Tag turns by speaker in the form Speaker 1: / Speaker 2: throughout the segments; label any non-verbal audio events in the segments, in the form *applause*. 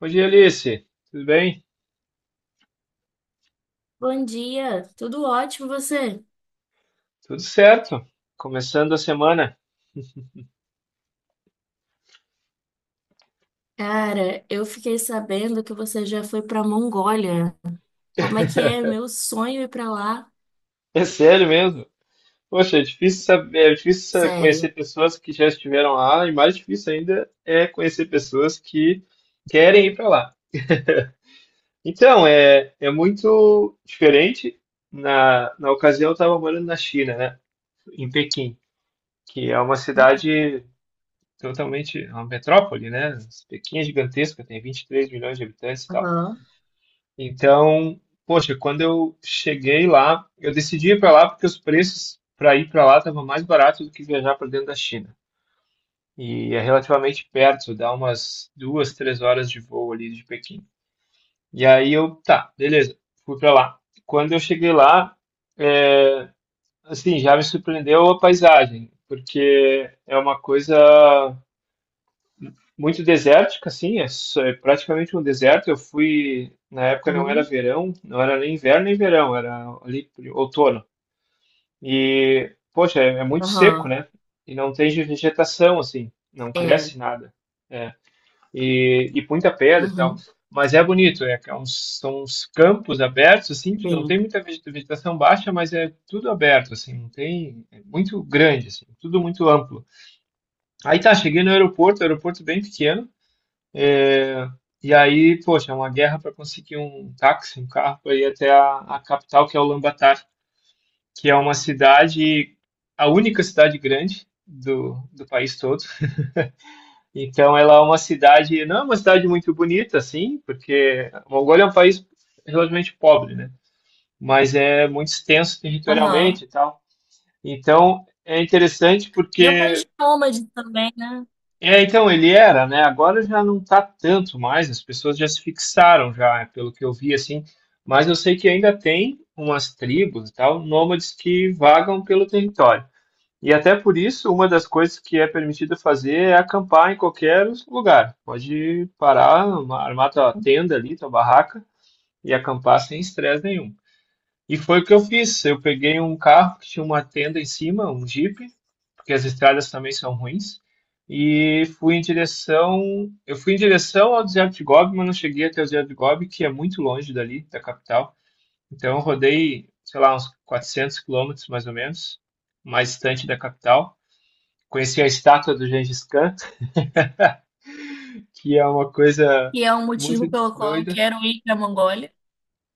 Speaker 1: Bom dia, Alice. Tudo bem?
Speaker 2: Bom dia, tudo ótimo você?
Speaker 1: Tudo certo? Começando a semana. *laughs*
Speaker 2: Cara, eu fiquei sabendo que você já foi pra Mongólia. Como é que é? Meu sonho é ir pra lá.
Speaker 1: É sério mesmo? Poxa, é difícil saber, conhecer
Speaker 2: Sério.
Speaker 1: pessoas que já estiveram lá e mais difícil ainda é conhecer pessoas que querem ir para lá. Então, é muito diferente. Na ocasião, eu estava morando na China, né? Em Pequim, que é uma cidade totalmente, é uma metrópole, né? Pequim é gigantesca, tem 23 milhões de habitantes e tal.
Speaker 2: Aham.
Speaker 1: Então, poxa, quando eu cheguei lá, eu decidi ir para lá porque os preços para ir para lá estavam mais baratos do que viajar para dentro da China. E é relativamente perto, dá umas 2, 3 horas de voo ali de Pequim. E aí eu, tá, beleza, fui para lá. Quando eu cheguei lá, é, assim, já me surpreendeu a paisagem, porque é uma coisa muito desértica, assim, é praticamente um deserto. Eu fui, na época não era
Speaker 2: Uhum.
Speaker 1: verão, não era nem inverno nem verão, era ali por outono. E, poxa, é muito seco,
Speaker 2: Aham.
Speaker 1: né? E não tem vegetação, assim, não
Speaker 2: É.
Speaker 1: cresce nada. É, e muita pedra e tal.
Speaker 2: Uhum.
Speaker 1: Mas é bonito, é, que é uns, são uns campos abertos, assim, não
Speaker 2: Sim.
Speaker 1: tem muita vegetação baixa, mas é tudo aberto, assim, não tem, é muito grande, assim, tudo muito amplo. Aí tá, cheguei no aeroporto, aeroporto bem pequeno, é, e aí, poxa, é uma guerra para conseguir um táxi, um carro para ir até a capital, que é Ulaanbaatar, que é uma cidade, a única cidade grande do país todo. Então, ela é uma cidade, não é uma cidade muito bonita, assim, porque a Mongólia é um país relativamente pobre, né? Mas é muito extenso
Speaker 2: Aham.
Speaker 1: territorialmente e tal. Então, é interessante
Speaker 2: E é um país
Speaker 1: porque
Speaker 2: de nômades também, né?
Speaker 1: é, então ele era, né? Agora já não tá tanto mais, as pessoas já se fixaram já, é, pelo que eu vi assim, mas eu sei que ainda tem umas tribos e tal, nômades que vagam pelo território. E até por isso, uma das coisas que é permitido fazer é acampar em qualquer lugar. Pode parar, armar tua tenda ali, tua barraca e acampar sem estresse nenhum. E foi o que eu fiz. Eu peguei um carro que tinha uma tenda em cima, um Jeep, porque as estradas também são ruins, e fui em direção, eu fui em direção ao deserto de Gobi, mas não cheguei até o deserto de Gobi, que é muito longe dali, da capital. Então eu rodei, sei lá, uns 400 quilômetros mais ou menos, mais distante da capital. Conheci a estátua do Gengis Khan, que é uma coisa
Speaker 2: Que é um motivo
Speaker 1: muito
Speaker 2: pelo qual eu
Speaker 1: doida.
Speaker 2: quero ir pra Mongólia.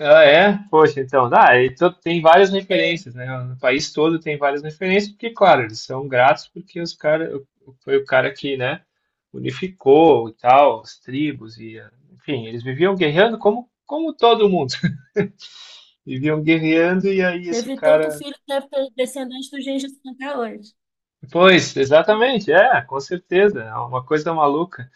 Speaker 1: Ah, é? Poxa, então, ah, e tem várias
Speaker 2: É.
Speaker 1: referências, né? No país todo tem várias referências, porque, claro, eles são gratos porque os cara, foi o cara que, né, unificou e tal, as tribos e, eh, enfim, eles viviam guerreando como, como todo mundo. *laughs* Viviam guerreando e aí esse
Speaker 2: Teve tanto
Speaker 1: cara...
Speaker 2: filho que deve descendente do Gengis Khan até hoje.
Speaker 1: Pois, exatamente, é, com certeza, é uma coisa maluca.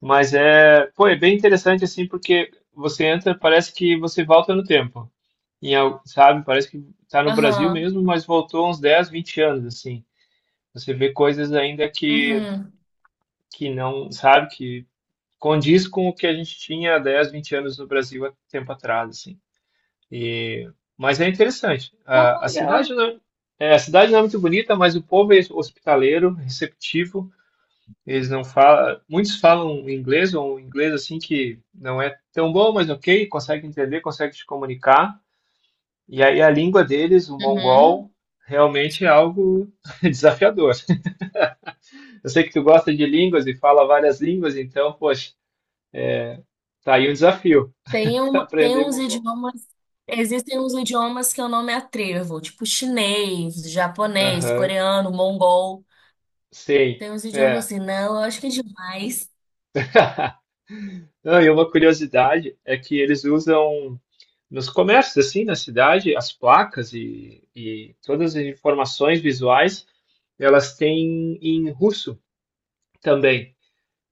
Speaker 1: Mas é, pô, é bem interessante assim, porque você entra, parece que você volta no tempo. Sabe, parece que está no Brasil
Speaker 2: Aham.
Speaker 1: mesmo, mas voltou uns 10, 20 anos, assim. Você vê coisas ainda
Speaker 2: Uhum.
Speaker 1: que não, sabe, que condiz com o que a gente tinha há 10, 20 anos no Brasil há tempo atrás, assim. E, mas é interessante.
Speaker 2: Pô,
Speaker 1: A
Speaker 2: que
Speaker 1: cidade
Speaker 2: legal.
Speaker 1: não é, é, a cidade não é muito bonita, mas o povo é hospitaleiro, receptivo. Eles não falam, muitos falam inglês ou um inglês assim que não é tão bom, mas ok, consegue entender, consegue se comunicar. E aí a língua deles, o
Speaker 2: Uhum.
Speaker 1: mongol, realmente é algo *laughs* desafiador. Eu sei que tu gosta de línguas e fala várias línguas, então, poxa, tá aí um desafio,
Speaker 2: Tem,
Speaker 1: *laughs*
Speaker 2: um, tem
Speaker 1: aprender
Speaker 2: uns
Speaker 1: mongol.
Speaker 2: idiomas, existem uns idiomas que eu não me atrevo, tipo chinês, japonês,
Speaker 1: Aham,
Speaker 2: coreano, mongol.
Speaker 1: sim,
Speaker 2: Tem uns idiomas
Speaker 1: é.
Speaker 2: assim, não, eu acho que é demais.
Speaker 1: Não, e uma curiosidade é que eles usam nos comércios, assim, na cidade, as placas e todas as informações visuais, elas têm em russo também.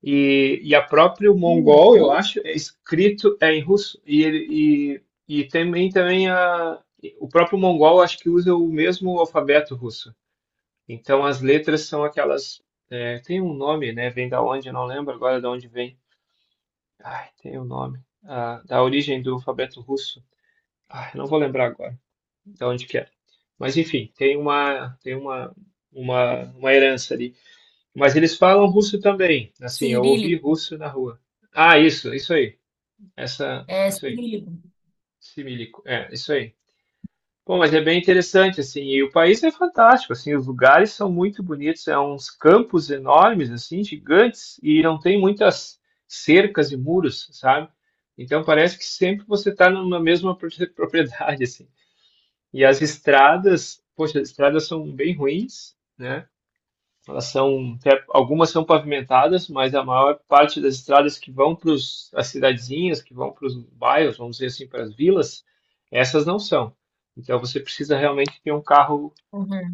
Speaker 1: E a próprio
Speaker 2: Hum,
Speaker 1: mongol, eu
Speaker 2: uh,
Speaker 1: acho, é escrito é em russo. E, ele, e também, também a, o próprio mongol, acho que usa o mesmo alfabeto russo. Então as letras são aquelas. É, tem um nome, né? Vem da onde? Eu não lembro agora de onde vem. Ai, tem um nome. Ah, da origem do alfabeto russo. Ai, não vou lembrar agora de onde que é. Mas enfim, tem uma herança ali. Mas eles falam russo também. Assim, eu ouvi
Speaker 2: cirílico,
Speaker 1: russo na rua. Ah, isso aí. Essa,
Speaker 2: é
Speaker 1: isso aí.
Speaker 2: cirílico.
Speaker 1: Similico. É, isso aí. Bom, mas é bem interessante, assim, e o país é fantástico, assim, os lugares são muito bonitos, é uns campos enormes, assim, gigantes, e não tem muitas cercas e muros, sabe? Então parece que sempre você está numa mesma pro- *laughs* propriedade, assim. E as estradas, poxa, as estradas são bem ruins, né? Elas são, algumas são pavimentadas, mas a maior parte das estradas que vão para as cidadezinhas, que vão para os bairros, vamos dizer assim, para as vilas, essas não são. Então você precisa realmente ter um carro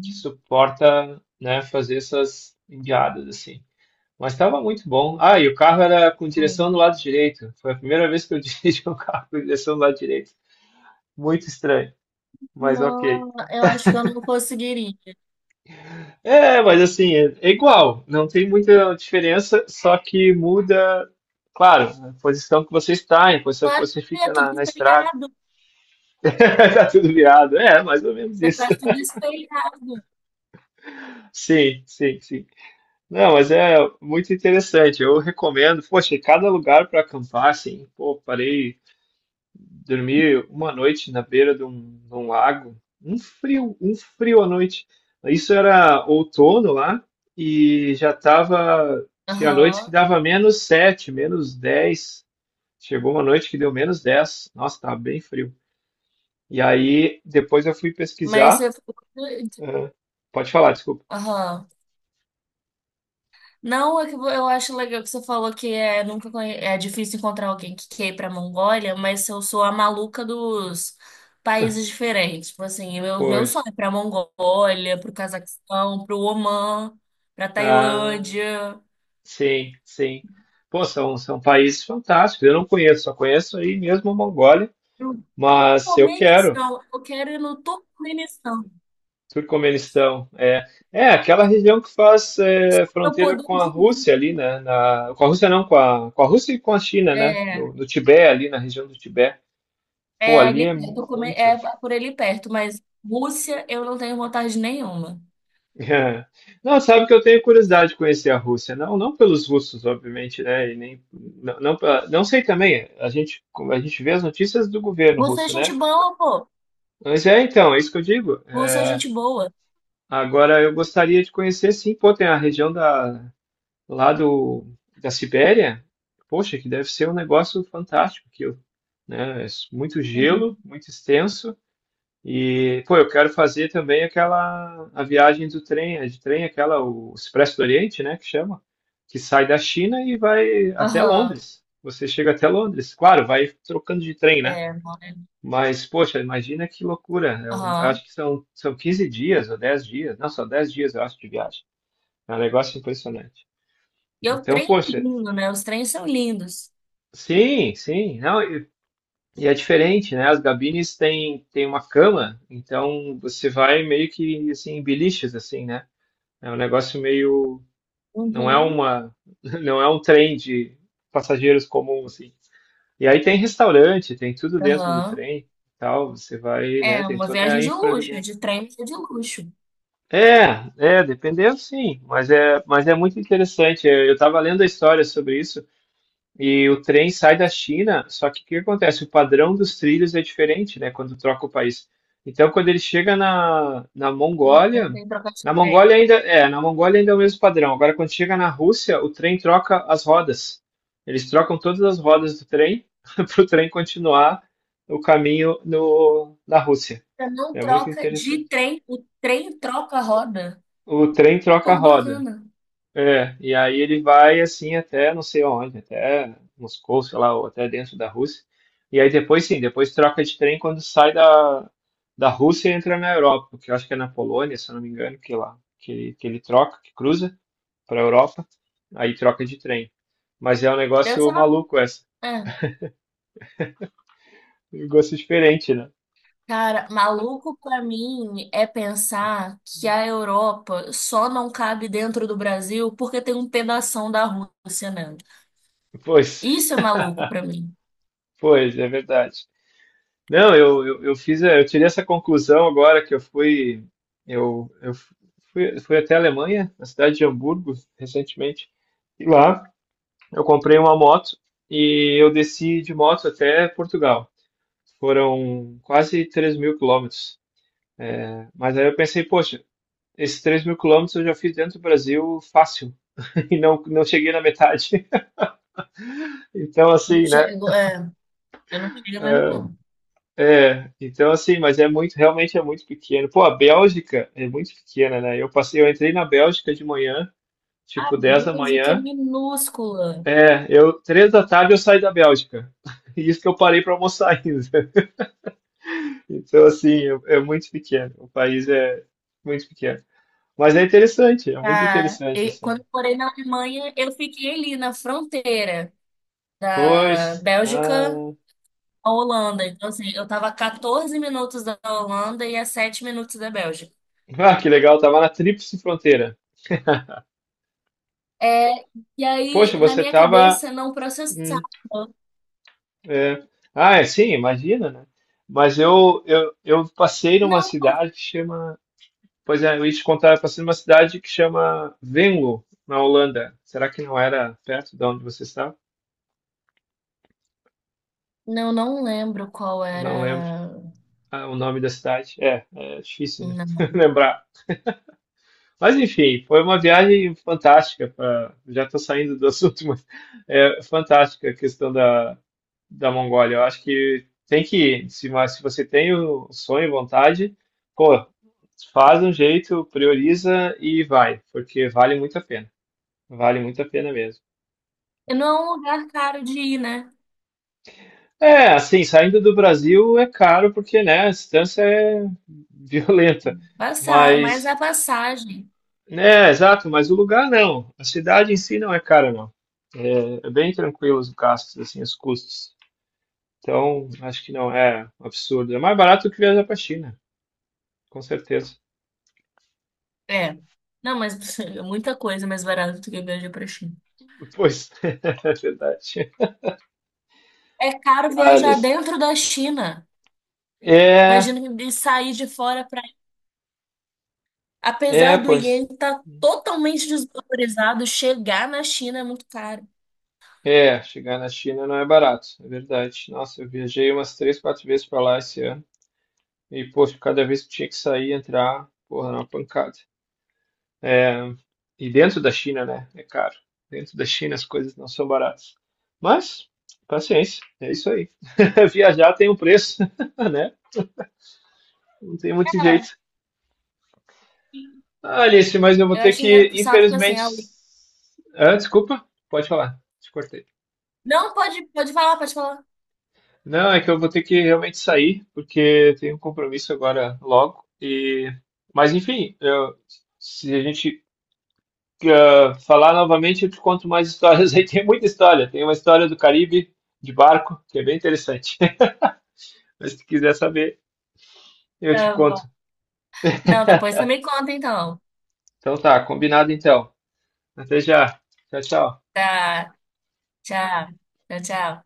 Speaker 1: que suporta, né, fazer essas enguiadas assim. Mas estava muito bom. Ah, e o carro era com
Speaker 2: Hum.
Speaker 1: direção do lado direito. Foi a primeira vez que eu *laughs* dirigi um carro com direção do lado direito. Muito estranho, mas ok.
Speaker 2: Não, eu acho que eu não conseguiria.
Speaker 1: É, mas assim, é igual, não tem muita diferença, só que muda, claro, a posição que você está, a posição que
Speaker 2: Claro
Speaker 1: você
Speaker 2: que
Speaker 1: fica
Speaker 2: é tudo
Speaker 1: na, na estrada,
Speaker 2: espelhado,
Speaker 1: *laughs* tá tudo virado. É, mais ou menos
Speaker 2: você
Speaker 1: isso.
Speaker 2: faz tudo espelhado.
Speaker 1: Sim, sim, sim. Não, mas é muito interessante. Eu recomendo, poxa, cada lugar para acampar, assim, pô, parei. Dormi uma noite na beira de um lago, um frio à noite. Isso era outono lá e já tava, tinha noites que
Speaker 2: Aham,
Speaker 1: dava -7 -10. Chegou uma noite que deu -10. Nossa, tava bem frio. E aí depois eu fui
Speaker 2: mas
Speaker 1: pesquisar.
Speaker 2: você.
Speaker 1: Ah, pode falar, desculpa.
Speaker 2: Aham. Não, é que eu acho legal que você falou que é, nunca conhe- é difícil encontrar alguém que quer ir pra Mongólia, mas eu sou a maluca dos países diferentes. Tipo assim, meu sonho
Speaker 1: Pois.
Speaker 2: é pra Mongólia, pro Cazaquistão, pro Omã, pra
Speaker 1: Ah,
Speaker 2: Tailândia,
Speaker 1: sim, sim. Pô, são, são países fantásticos. Eu não conheço, só conheço aí mesmo a Mongólia,
Speaker 2: pro
Speaker 1: mas eu quero.
Speaker 2: Turcomenistão. Eu quero ir no Turcomenistão.
Speaker 1: Turcomenistão, é. É, aquela região que faz é,
Speaker 2: Eu
Speaker 1: fronteira
Speaker 2: poder
Speaker 1: com a
Speaker 2: dizer.
Speaker 1: Rússia ali, né? Na, com a Rússia não, com a Rússia e com a China, né?
Speaker 2: É,
Speaker 1: No, no Tibete, ali na região do Tibete. Pô,
Speaker 2: é
Speaker 1: ali
Speaker 2: ali
Speaker 1: é
Speaker 2: perto,
Speaker 1: muito.
Speaker 2: é por ali perto, mas Rússia eu não tenho vontade nenhuma.
Speaker 1: *laughs* Não, sabe que eu tenho curiosidade de conhecer a Rússia. Não, não pelos russos, obviamente, né? E nem, não, não, não sei também. A gente vê as notícias do governo
Speaker 2: Rússia é
Speaker 1: russo,
Speaker 2: gente
Speaker 1: né?
Speaker 2: boa, pô.
Speaker 1: Mas é, então, é isso que eu digo.
Speaker 2: Rússia é
Speaker 1: É,
Speaker 2: gente boa.
Speaker 1: agora, eu gostaria de conhecer, sim, pô, tem a região da, lá do, da Sibéria, poxa, que deve ser um negócio fantástico aquilo, né? É muito gelo, muito extenso. E, pô, eu quero fazer também aquela, a viagem do trem, a de trem, aquela, o Expresso do Oriente, né, que chama, que sai da China e vai até
Speaker 2: Aham,
Speaker 1: Londres. Você chega até Londres, claro, vai trocando de trem, né?
Speaker 2: é, mora.
Speaker 1: Mas, poxa, imagina que loucura. É um, eu
Speaker 2: Aham.
Speaker 1: acho que são, são 15 dias ou 10 dias, não, só 10 dias, eu acho, de viagem. É um negócio impressionante.
Speaker 2: E o
Speaker 1: Então,
Speaker 2: trem é
Speaker 1: poxa,
Speaker 2: lindo, né? Os trens são lindos.
Speaker 1: sim, sim. Não, e é diferente, né? As gabines têm, têm uma cama, então você vai meio que assim, em biliches, assim, né? É um negócio meio. Não é
Speaker 2: Uhum.
Speaker 1: uma. *laughs* Não é um trem de passageiros comum, assim. E aí tem restaurante, tem tudo dentro do
Speaker 2: Aham.
Speaker 1: trem e tal. Você vai, né?
Speaker 2: É
Speaker 1: Tem
Speaker 2: uma
Speaker 1: toda
Speaker 2: viagem
Speaker 1: a
Speaker 2: de
Speaker 1: infra ali
Speaker 2: luxo, é
Speaker 1: dentro.
Speaker 2: de trem, é de luxo.
Speaker 1: Dependendo, sim. Mas é muito interessante. Eu estava lendo a história sobre isso. E o trem sai da China, só que o que acontece? O padrão dos trilhos é diferente, né? Quando troca o país. Então, quando ele chega na
Speaker 2: Né? Não
Speaker 1: Mongólia,
Speaker 2: tem troca de
Speaker 1: na
Speaker 2: trem.
Speaker 1: Mongólia ainda é, na Mongólia ainda é o mesmo padrão. Agora, quando chega na Rússia, o trem troca as rodas. Eles trocam todas as rodas do trem *laughs* para o trem continuar o caminho no, na Rússia.
Speaker 2: Você não
Speaker 1: É muito
Speaker 2: troca de
Speaker 1: interessante.
Speaker 2: trem, o trem troca a roda.
Speaker 1: O trem troca
Speaker 2: Pô,
Speaker 1: a
Speaker 2: que
Speaker 1: roda.
Speaker 2: bacana.
Speaker 1: É, e aí ele vai assim até não sei onde, até Moscou, sei lá, ou até dentro da Rússia. E aí depois sim, depois troca de trem quando sai da, da Rússia e entra na Europa, que eu acho que é na Polônia, se eu não me engano, que lá que ele troca, que cruza para a Europa, aí troca de trem. Mas é um
Speaker 2: Deve ser
Speaker 1: negócio
Speaker 2: uma.
Speaker 1: maluco essa,
Speaker 2: É.
Speaker 1: um negócio diferente, né?
Speaker 2: Cara, maluco pra mim é pensar que a Europa só não cabe dentro do Brasil porque tem um pedação da Rússia, né?
Speaker 1: Pois,
Speaker 2: Isso é maluco pra mim.
Speaker 1: pois, é verdade. Não, eu fiz, eu tirei essa conclusão agora que eu fui, eu fui, fui até a Alemanha, na cidade de Hamburgo, recentemente, e lá eu comprei uma moto e eu desci de moto até Portugal. Foram quase 3 mil quilômetros. Mas aí eu pensei, poxa, esses 3 mil quilômetros eu já fiz dentro do Brasil fácil *laughs* e não, não cheguei na metade. *laughs* Então, assim, né?
Speaker 2: É. Eu não chego mesmo, não.
Speaker 1: É, então assim, mas é muito, realmente é muito pequeno. Pô, a Bélgica é muito pequena, né? Eu passei, eu entrei na Bélgica de manhã,
Speaker 2: A
Speaker 1: tipo 10 da
Speaker 2: Bélgica é
Speaker 1: manhã.
Speaker 2: minúscula.
Speaker 1: É, eu, 3 da tarde eu saí da Bélgica. *laughs* E isso que eu parei para almoçar ainda. *laughs* Então assim, é, é muito pequeno. O país é muito pequeno. Mas é interessante, é muito
Speaker 2: Tá?
Speaker 1: interessante
Speaker 2: E quando
Speaker 1: assim.
Speaker 2: eu morei na Alemanha, eu fiquei ali na fronteira da
Speaker 1: Pois,
Speaker 2: Bélgica
Speaker 1: ah,
Speaker 2: à Holanda. Então, assim, eu tava a 14 minutos da Holanda e a 7 minutos da Bélgica.
Speaker 1: ah, que legal, tava na tríplice fronteira.
Speaker 2: É, e
Speaker 1: Poxa,
Speaker 2: aí, na
Speaker 1: você
Speaker 2: minha
Speaker 1: tava
Speaker 2: cabeça, não processava.
Speaker 1: é. Ah, é, sim, imagina, né? Mas eu passei numa
Speaker 2: Não,
Speaker 1: cidade que chama. Pois é, eu ia te contar, eu passei numa cidade que chama Venlo, na Holanda. Será que não era perto de onde você está?
Speaker 2: não, não lembro qual
Speaker 1: Não lembro.
Speaker 2: era.
Speaker 1: Ah, o nome da cidade. É, é difícil, né? *laughs*
Speaker 2: Não.
Speaker 1: Lembrar. Mas enfim, foi uma viagem fantástica. Já estou saindo do assunto, *laughs* mas é fantástica a questão da, da Mongólia. Eu acho que tem que ir. Se, mas se você tem o sonho e vontade, pô, faz um jeito, prioriza e vai, porque vale muito a pena. Vale muito a pena mesmo.
Speaker 2: Não é um lugar caro de ir, né?
Speaker 1: É, assim, saindo do Brasil é caro porque, né, a distância é *laughs* violenta,
Speaker 2: Passar, mas
Speaker 1: mas
Speaker 2: a passagem.
Speaker 1: é, exato, mas o lugar não. A cidade em si não é cara, não. É, é bem tranquilo os gastos, assim, os custos. Então, acho que não é um absurdo. É mais barato que viajar para China, com certeza.
Speaker 2: É. Não, mas *laughs* é muita coisa mais barata do que viajar pra China.
Speaker 1: Pois, *laughs* é verdade.
Speaker 2: É caro
Speaker 1: Olha,
Speaker 2: viajar dentro da China.
Speaker 1: é,
Speaker 2: Imagina de sair de fora para.
Speaker 1: é,
Speaker 2: Apesar do
Speaker 1: pois,
Speaker 2: iene estar totalmente desvalorizado, chegar na China é muito caro.
Speaker 1: é, chegar na China não é barato, é verdade. Nossa, eu viajei umas 3, 4 vezes para lá esse ano e, poxa, cada vez que tinha que sair e entrar, porra, era uma pancada. É, e dentro da China, né? É caro. Dentro da China as coisas não são baratas. Mas, paciência, é isso aí. *laughs* Viajar tem um preço, *laughs* né? Não tem muito jeito.
Speaker 2: É.
Speaker 1: Ah, Alice, mas eu vou
Speaker 2: Eu
Speaker 1: ter
Speaker 2: acho
Speaker 1: que,
Speaker 2: engraçado porque assim,
Speaker 1: infelizmente.
Speaker 2: a Ui-
Speaker 1: Ah, desculpa, pode falar, te cortei.
Speaker 2: Não, pode, pode falar, pode falar.
Speaker 1: Não, é que eu vou ter que realmente sair, porque tenho um compromisso agora logo. E... Mas, enfim, se a gente ah, falar novamente, eu te conto mais histórias *laughs* aí. Tem muita história. Tem uma história do Caribe de barco, que é bem interessante. *laughs* Mas se quiser saber, eu te
Speaker 2: Tá bom.
Speaker 1: conto.
Speaker 2: Não, depois você me conta então.
Speaker 1: Então tá, combinado então. Até já. Tchau, tchau.
Speaker 2: Tá, tchau. Tchau, tchau.